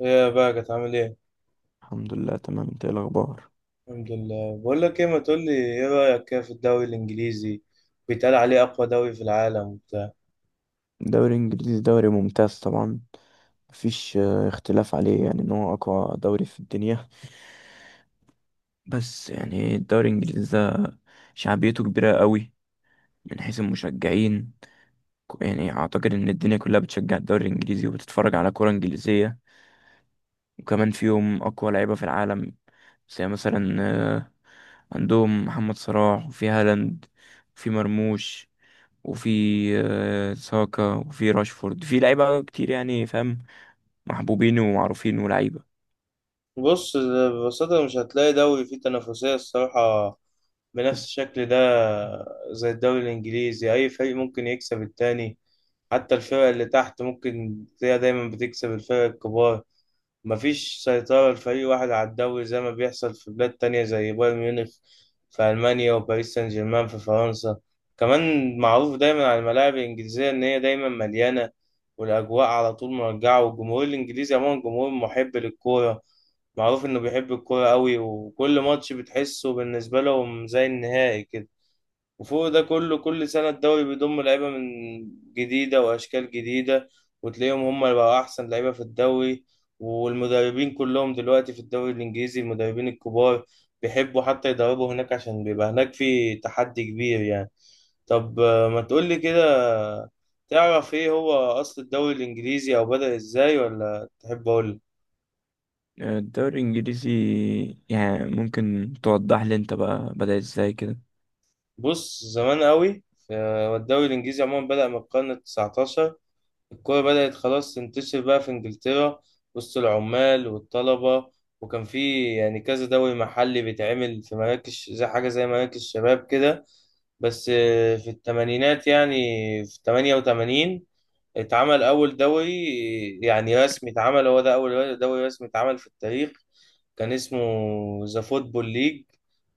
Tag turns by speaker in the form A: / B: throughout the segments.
A: ايه يا بقى كانت عامل ايه؟
B: الحمد لله تمام، انت ايه الاخبار؟
A: الحمد لله، بقول لك ايه، ما تقول لي ايه رأيك كده في الدوري الانجليزي؟ بيتقال عليه اقوى دوري في العالم وبتاع.
B: دوري انجليزي، دوري ممتاز طبعا. مفيش اختلاف عليه، يعني ان هو اقوى دوري في الدنيا. بس يعني الدوري الانجليزي ده شعبيته كبيرة قوي، من حيث المشجعين. يعني اعتقد ان الدنيا كلها بتشجع الدوري الانجليزي وبتتفرج على كرة انجليزية. وكمان فيهم اقوى لعيبة في العالم، زي مثلا آه، عندهم محمد صلاح، وفي هالاند، وفي مرموش، وفي ساكا، وفي راشفورد. في لعيبة كتير يعني، فاهم، محبوبين ومعروفين ولعيبة.
A: بص، ببساطة مش هتلاقي دوري فيه تنافسية الصراحة بنفس الشكل ده. زي الدوري الانجليزي، اي فريق ممكن يكسب التاني، حتى الفرق اللي تحت ممكن تلاقيها دايما بتكسب الفرق الكبار. مفيش سيطرة لفريق واحد على الدوري زي ما بيحصل في بلاد تانية زي بايرن ميونخ في ألمانيا وباريس سان جيرمان في فرنسا. كمان معروف دايما على الملاعب الإنجليزية إن هي دايما مليانة، والأجواء على طول مرجعة، والجمهور الإنجليزي عموما جمهور محب للكورة، معروف إنه بيحب الكورة أوي، وكل ماتش بتحسه بالنسبة لهم زي النهائي كده. وفوق ده كله، كل سنة الدوري بيضم لعيبة من جديدة وأشكال جديدة، وتلاقيهم هم اللي بقوا أحسن لعيبة في الدوري. والمدربين كلهم دلوقتي في الدوري الإنجليزي، المدربين الكبار بيحبوا حتى يدربوا هناك عشان بيبقى هناك في تحدي كبير يعني. طب ما تقولي كده، تعرف إيه هو أصل الدوري الإنجليزي أو بدأ إزاي ولا تحب أقول؟
B: الدوري الإنجليزي، يعني ممكن توضح لي أنت بقى بدأ إزاي كده؟
A: بص، زمان قوي، والدوري الإنجليزي عموما بدأ من القرن التسعتاشر. الكورة بدأت خلاص تنتشر بقى في إنجلترا وسط العمال والطلبة، وكان في يعني كذا دوري محلي بيتعمل في مراكز، زي حاجة زي مراكز شباب كده. بس في التمانينات يعني، في 88 اتعمل أول دوري يعني رسمي. اتعمل هو ده أول دوري رسمي اتعمل في التاريخ، كان اسمه ذا فوتبول ليج.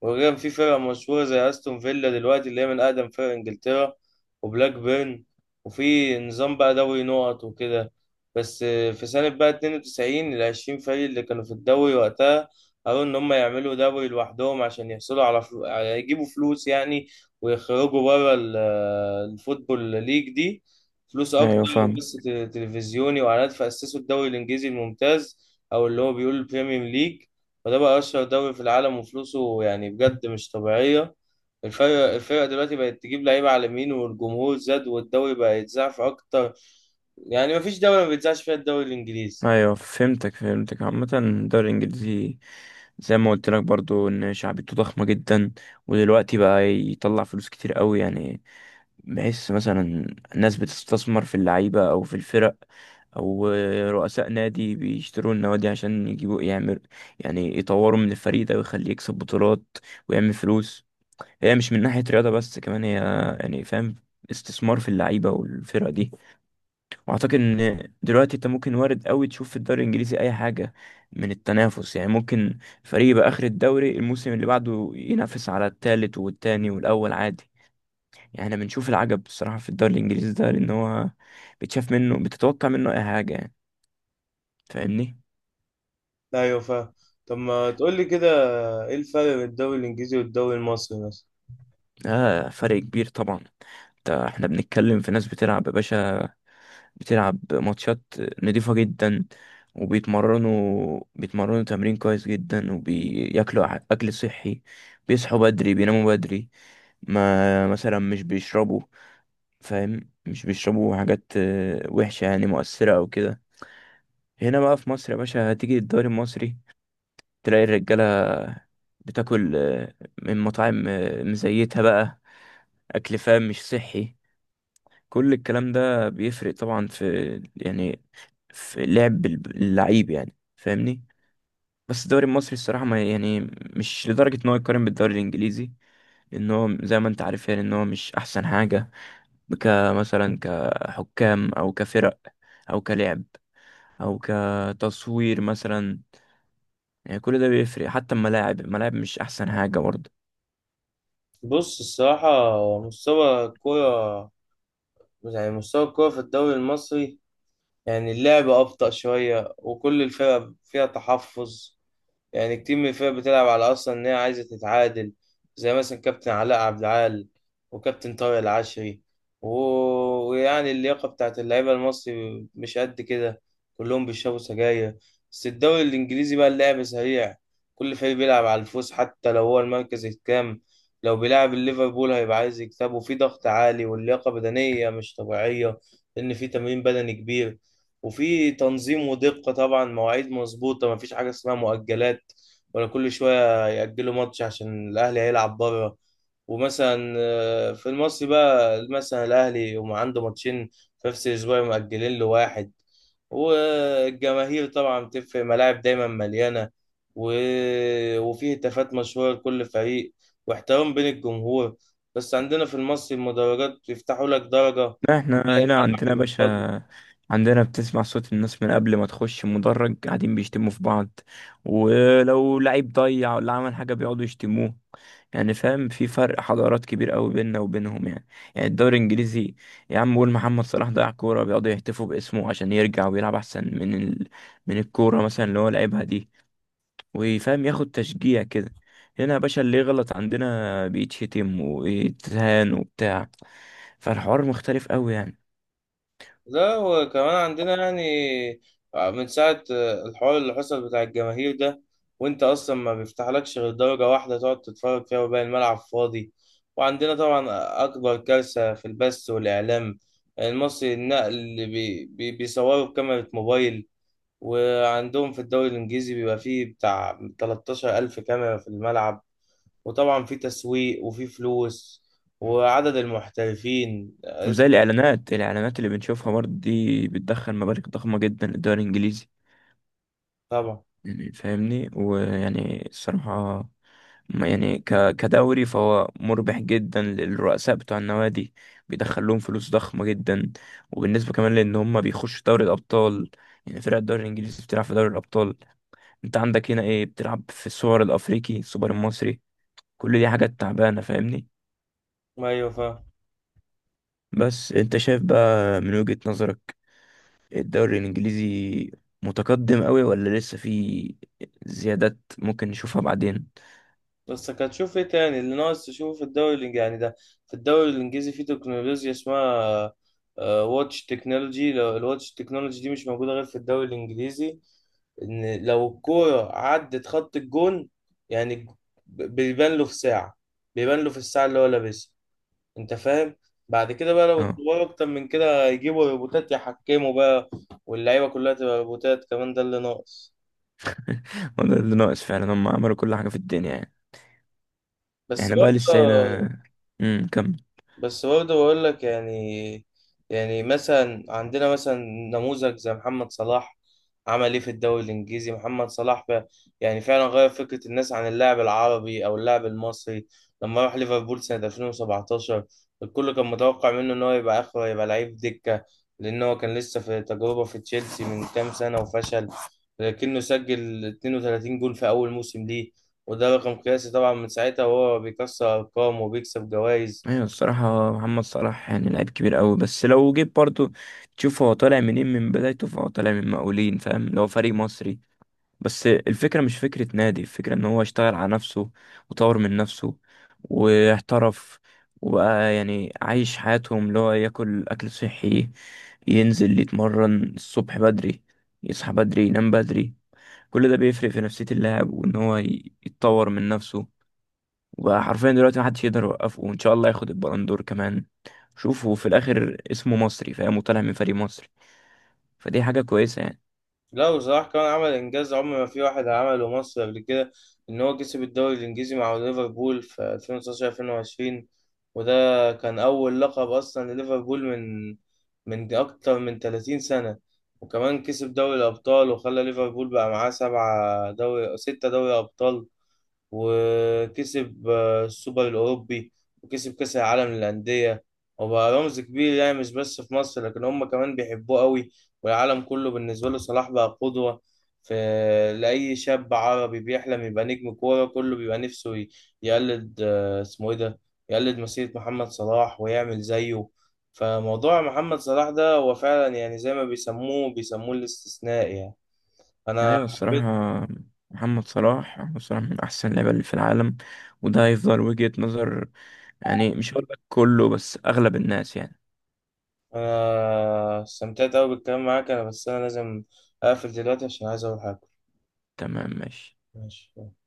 A: وكان في فرق مشهورة زي أستون فيلا دلوقتي، اللي هي من أقدم فرق إنجلترا، وبلاك بيرن. وفي نظام بقى دوري نقط وكده. بس في سنة بقى 92، العشرين فريق اللي كانوا في الدوري وقتها قالوا إن هم يعملوا دوري لوحدهم عشان يحصلوا على يجيبوا فلوس يعني، ويخرجوا بره الفوتبول ليج دي، فلوس أكتر
B: أيوة فاهم.
A: وبث تلفزيوني وإعلانات، فأسسوا الدوري الإنجليزي الممتاز أو اللي هو بيقول البريمير ليج. وده بقى أشهر دوري في العالم وفلوسه يعني بجد مش طبيعية. الفرق دلوقتي بقت تجيب لعيبة على اليمين، والجمهور زاد، والدوري بقى يتذاع في أكتر، يعني مفيش دولة ما بيتذاعش فيها الدوري الإنجليزي.
B: أيوة فهمتك فهمتك. عامة الدوري الإنجليزي زي ما قلت لك برضو، إن شعبيته ضخمة جدا. ودلوقتي بقى يطلع فلوس كتير قوي يعني. بحس مثلا ناس بتستثمر في اللعيبة أو في الفرق، أو رؤساء نادي بيشتروا النوادي عشان يجيبوا، يعمل، يعني يطوروا من الفريق ده ويخليه يكسب بطولات ويعمل فلوس. هي مش من ناحية رياضة بس، كمان هي يعني فاهم، استثمار في اللعيبة والفرق دي. وأعتقد إن دلوقتي أنت ممكن وارد أوي تشوف في الدوري الإنجليزي أي حاجة من التنافس. يعني ممكن فريق يبقى آخر الدوري، الموسم اللي بعده ينافس على التالت والتاني والأول عادي. يعني احنا بنشوف العجب الصراحة في الدوري الانجليزي ده، لان هو بتشاف منه، بتتوقع منه اي حاجة يعني، فاهمني؟
A: أيوة، فاهم. طب ما تقول لي كده، إيه الفرق بين الدوري الإنجليزي والدوري المصري مثلا؟
B: اه فرق كبير طبعا. ده احنا بنتكلم في ناس بتلعب يا باشا، بتلعب ماتشات نضيفة جدا، وبيتمرنوا تمرين كويس جدا، وبياكلوا اكل صحي، بيصحوا بدري، بيناموا بدري. ما مثلا مش بيشربوا، فاهم، مش بيشربوا حاجات وحشة، يعني مؤثرة او كده. هنا بقى في مصر يا باشا، هتيجي الدوري المصري تلاقي الرجالة بتاكل من مطاعم مزيتها بقى، أكل فاهم مش صحي. كل الكلام ده بيفرق طبعا في، يعني، في لعب اللعيب يعني فاهمني. بس الدوري المصري الصراحة، ما يعني، مش لدرجة إن هو يقارن بالدوري الإنجليزي، لأن هو زي ما أنت عارف يعني إن هو مش أحسن حاجة، كمثلا كحكام أو كفرق أو كلعب أو كتصوير مثلا. يعني كل ده بيفرق، حتى الملاعب مش أحسن حاجة برضه.
A: بص الصراحة، مستوى الكورة، يعني مستوى الكورة في الدوري المصري، يعني اللعب أبطأ شوية وكل الفرق فيها تحفظ، يعني كتير من الفرق بتلعب على اصلا ان هي عايزه تتعادل، زي مثلا كابتن علاء عبد العال وكابتن طارق العشري و... ويعني اللياقه بتاعت اللعيبه المصري مش قد كده، كلهم بيشربوا سجاير. بس الدوري الانجليزي بقى اللعب سريع، كل فريق بيلعب على الفوز حتى لو هو المركز الكام. لو بيلعب الليفربول هيبقى عايز يكسبه، في ضغط عالي، واللياقه بدنيه مش طبيعيه لان في تمرين بدني كبير. وفي تنظيم ودقة، طبعا مواعيد مظبوطة، مفيش حاجة اسمها مؤجلات، ولا كل شوية يأجلوا ماتش عشان الأهلي هيلعب بره. ومثلا في المصري بقى مثلا الأهلي يقوم عنده ماتشين في نفس الأسبوع مأجلين له واحد. والجماهير طبعا بتفرق، ملاعب دايما مليانة و... وفيه هتافات مشهورة لكل فريق واحترام بين الجمهور. بس عندنا في المصري، المدرجات بيفتحوا لك درجة
B: لا، احنا
A: وتلاقي
B: هنا
A: الملعب
B: عندنا يا
A: بيبقى
B: باشا،
A: فاضي.
B: عندنا بتسمع صوت الناس من قبل ما تخش مدرج، قاعدين بيشتموا في بعض، ولو لعيب ضيع ولا عمل حاجة بيقعدوا يشتموه. يعني فاهم، في فرق حضارات كبير قوي بيننا وبينهم يعني. يعني الدوري الانجليزي، يا عم قول محمد صلاح ضيع كورة، بيقعدوا يهتفوا باسمه عشان يرجع ويلعب احسن من ال... من الكورة مثلا اللي هو لعبها دي، ويفهم، ياخد تشجيع كده. هنا يا باشا، اللي يغلط عندنا بيتشتم ويتهان وبتاع. فالحوار مختلف قوي يعني.
A: لا، وكمان عندنا يعني من ساعة الحوار اللي حصل بتاع الجماهير ده، وانت اصلا ما بيفتحلكش غير درجة واحدة تقعد تتفرج فيها وباقي الملعب فاضي. وعندنا طبعا اكبر كارثة في البث والاعلام المصري، النقل اللي بي بي بيصوروا بكاميرا موبايل. وعندهم في الدوري الانجليزي بيبقى فيه بتاع 13 الف كاميرا في الملعب، وطبعا في تسويق وفي فلوس، وعدد المحترفين
B: وزي الإعلانات اللي بنشوفها برضه دي، بتدخل مبالغ ضخمة جدا للدوري الإنجليزي.
A: طبعا.
B: يعني فاهمني؟ ويعني الصراحة، يعني كدوري فهو مربح جدا للرؤساء بتوع النوادي، بيدخل لهم فلوس ضخمة جدا. وبالنسبة كمان لأن هم بيخشوا دوري الأبطال، يعني فرق الدوري الإنجليزي بتلعب في دوري الأبطال. أنت عندك هنا إيه؟ بتلعب في السوبر الأفريقي، السوبر المصري، كل دي حاجات تعبانة فاهمني.
A: ايوه، فاهم.
B: بس أنت شايف بقى من وجهة نظرك، الدوري الانجليزي متقدم قوي، ولا لسه في زيادات ممكن نشوفها بعدين؟
A: بس هتشوف ايه تاني اللي ناقص تشوفه في الدوري الانجليزي يعني؟ ده في الدوري الانجليزي في تكنولوجيا اسمها واتش تكنولوجي. لو الواتش تكنولوجي دي مش موجودة غير في الدوري الانجليزي، ان لو الكورة عدت خط الجون يعني، بيبان له في ساعة، بيبان له في الساعة اللي هو لابسها، انت فاهم؟ بعد كده بقى لو
B: اه.
A: اتطوروا اكتر من كده يجيبوا روبوتات يحكموا بقى، واللعيبة كلها تبقى روبوتات كمان، ده اللي ناقص.
B: هو ده اللي ناقص فعلا، هم عملوا كل حاجة في الدنيا يعني.
A: بس
B: احنا بقى
A: برضه
B: لسه هنا. كمل.
A: بس برضه بقول لك يعني، يعني مثلا عندنا مثلا نموذج زي محمد صلاح، عمل ايه في الدوري الانجليزي محمد صلاح؟ يعني فعلا غير فكره الناس عن اللاعب العربي او اللاعب المصري. لما راح ليفربول سنه 2017، الكل كان متوقع منه ان هو يبقى اخره يبقى لعيب دكه، لان هو كان لسه في تجربه في تشيلسي من كام سنه وفشل. لكنه سجل 32 جول في اول موسم ليه، وده رقم قياسي طبعا، من ساعتها وهو بيكسر ارقام وبيكسب جوائز.
B: ايوه الصراحة، محمد صلاح يعني لعيب كبير قوي. بس لو جيت برضو تشوف هو طالع منين، من بدايته، فهو طالع من مقاولين فاهم، لو فريق مصري. بس الفكرة مش فكرة نادي، الفكرة ان هو اشتغل على نفسه وطور من نفسه واحترف، وبقى يعني عايش حياتهم، اللي هو ياكل اكل صحي، ينزل يتمرن الصبح بدري، يصحى بدري، ينام بدري. كل ده بيفرق في نفسية اللاعب، وان هو يتطور من نفسه. وبقى حرفيا دلوقتي محدش يقدر يوقفه، وان شاء الله ياخد البلندور كمان. شوفوا في الاخر اسمه مصري فاهم، وطالع من فريق مصري، فدي حاجة كويسة يعني.
A: لا، وصلاح كان عمل انجاز عمر ما في واحد عمله مصر قبل كده، ان هو كسب الدوري الانجليزي مع ليفربول في 2019 2020، وده كان اول لقب اصلا لليفربول من اكتر من 30 سنة. وكمان كسب دوري الابطال، وخلى ليفربول بقى معاه سبعة دوري ستة دوري ابطال. وكسب السوبر الأوروبي، وكسب كأس العالم للأندية. وبقى رمز كبير، يعني مش بس في مصر لكن هم كمان بيحبوه قوي، والعالم كله بالنسبة له صلاح بقى قدوة في لأي شاب عربي بيحلم يبقى نجم كورة. كله بيبقى نفسه يقلد اسمه إيه ده، يقلد مسيرة محمد صلاح ويعمل زيه. فموضوع محمد صلاح ده هو فعلا، يعني زي ما بيسموه الاستثناء يعني. أنا
B: ايوه الصراحه، محمد صلاح من احسن اللعيبه اللي في العالم، وده هيفضل وجهة نظر يعني. مش هقول لك كله، بس اغلب الناس يعني.
A: انا استمتعت قوي بالكلام معاك، انا بس انا لازم اقفل دلوقتي عشان عايز اروح اكل.
B: تمام ماشي.
A: ماشي.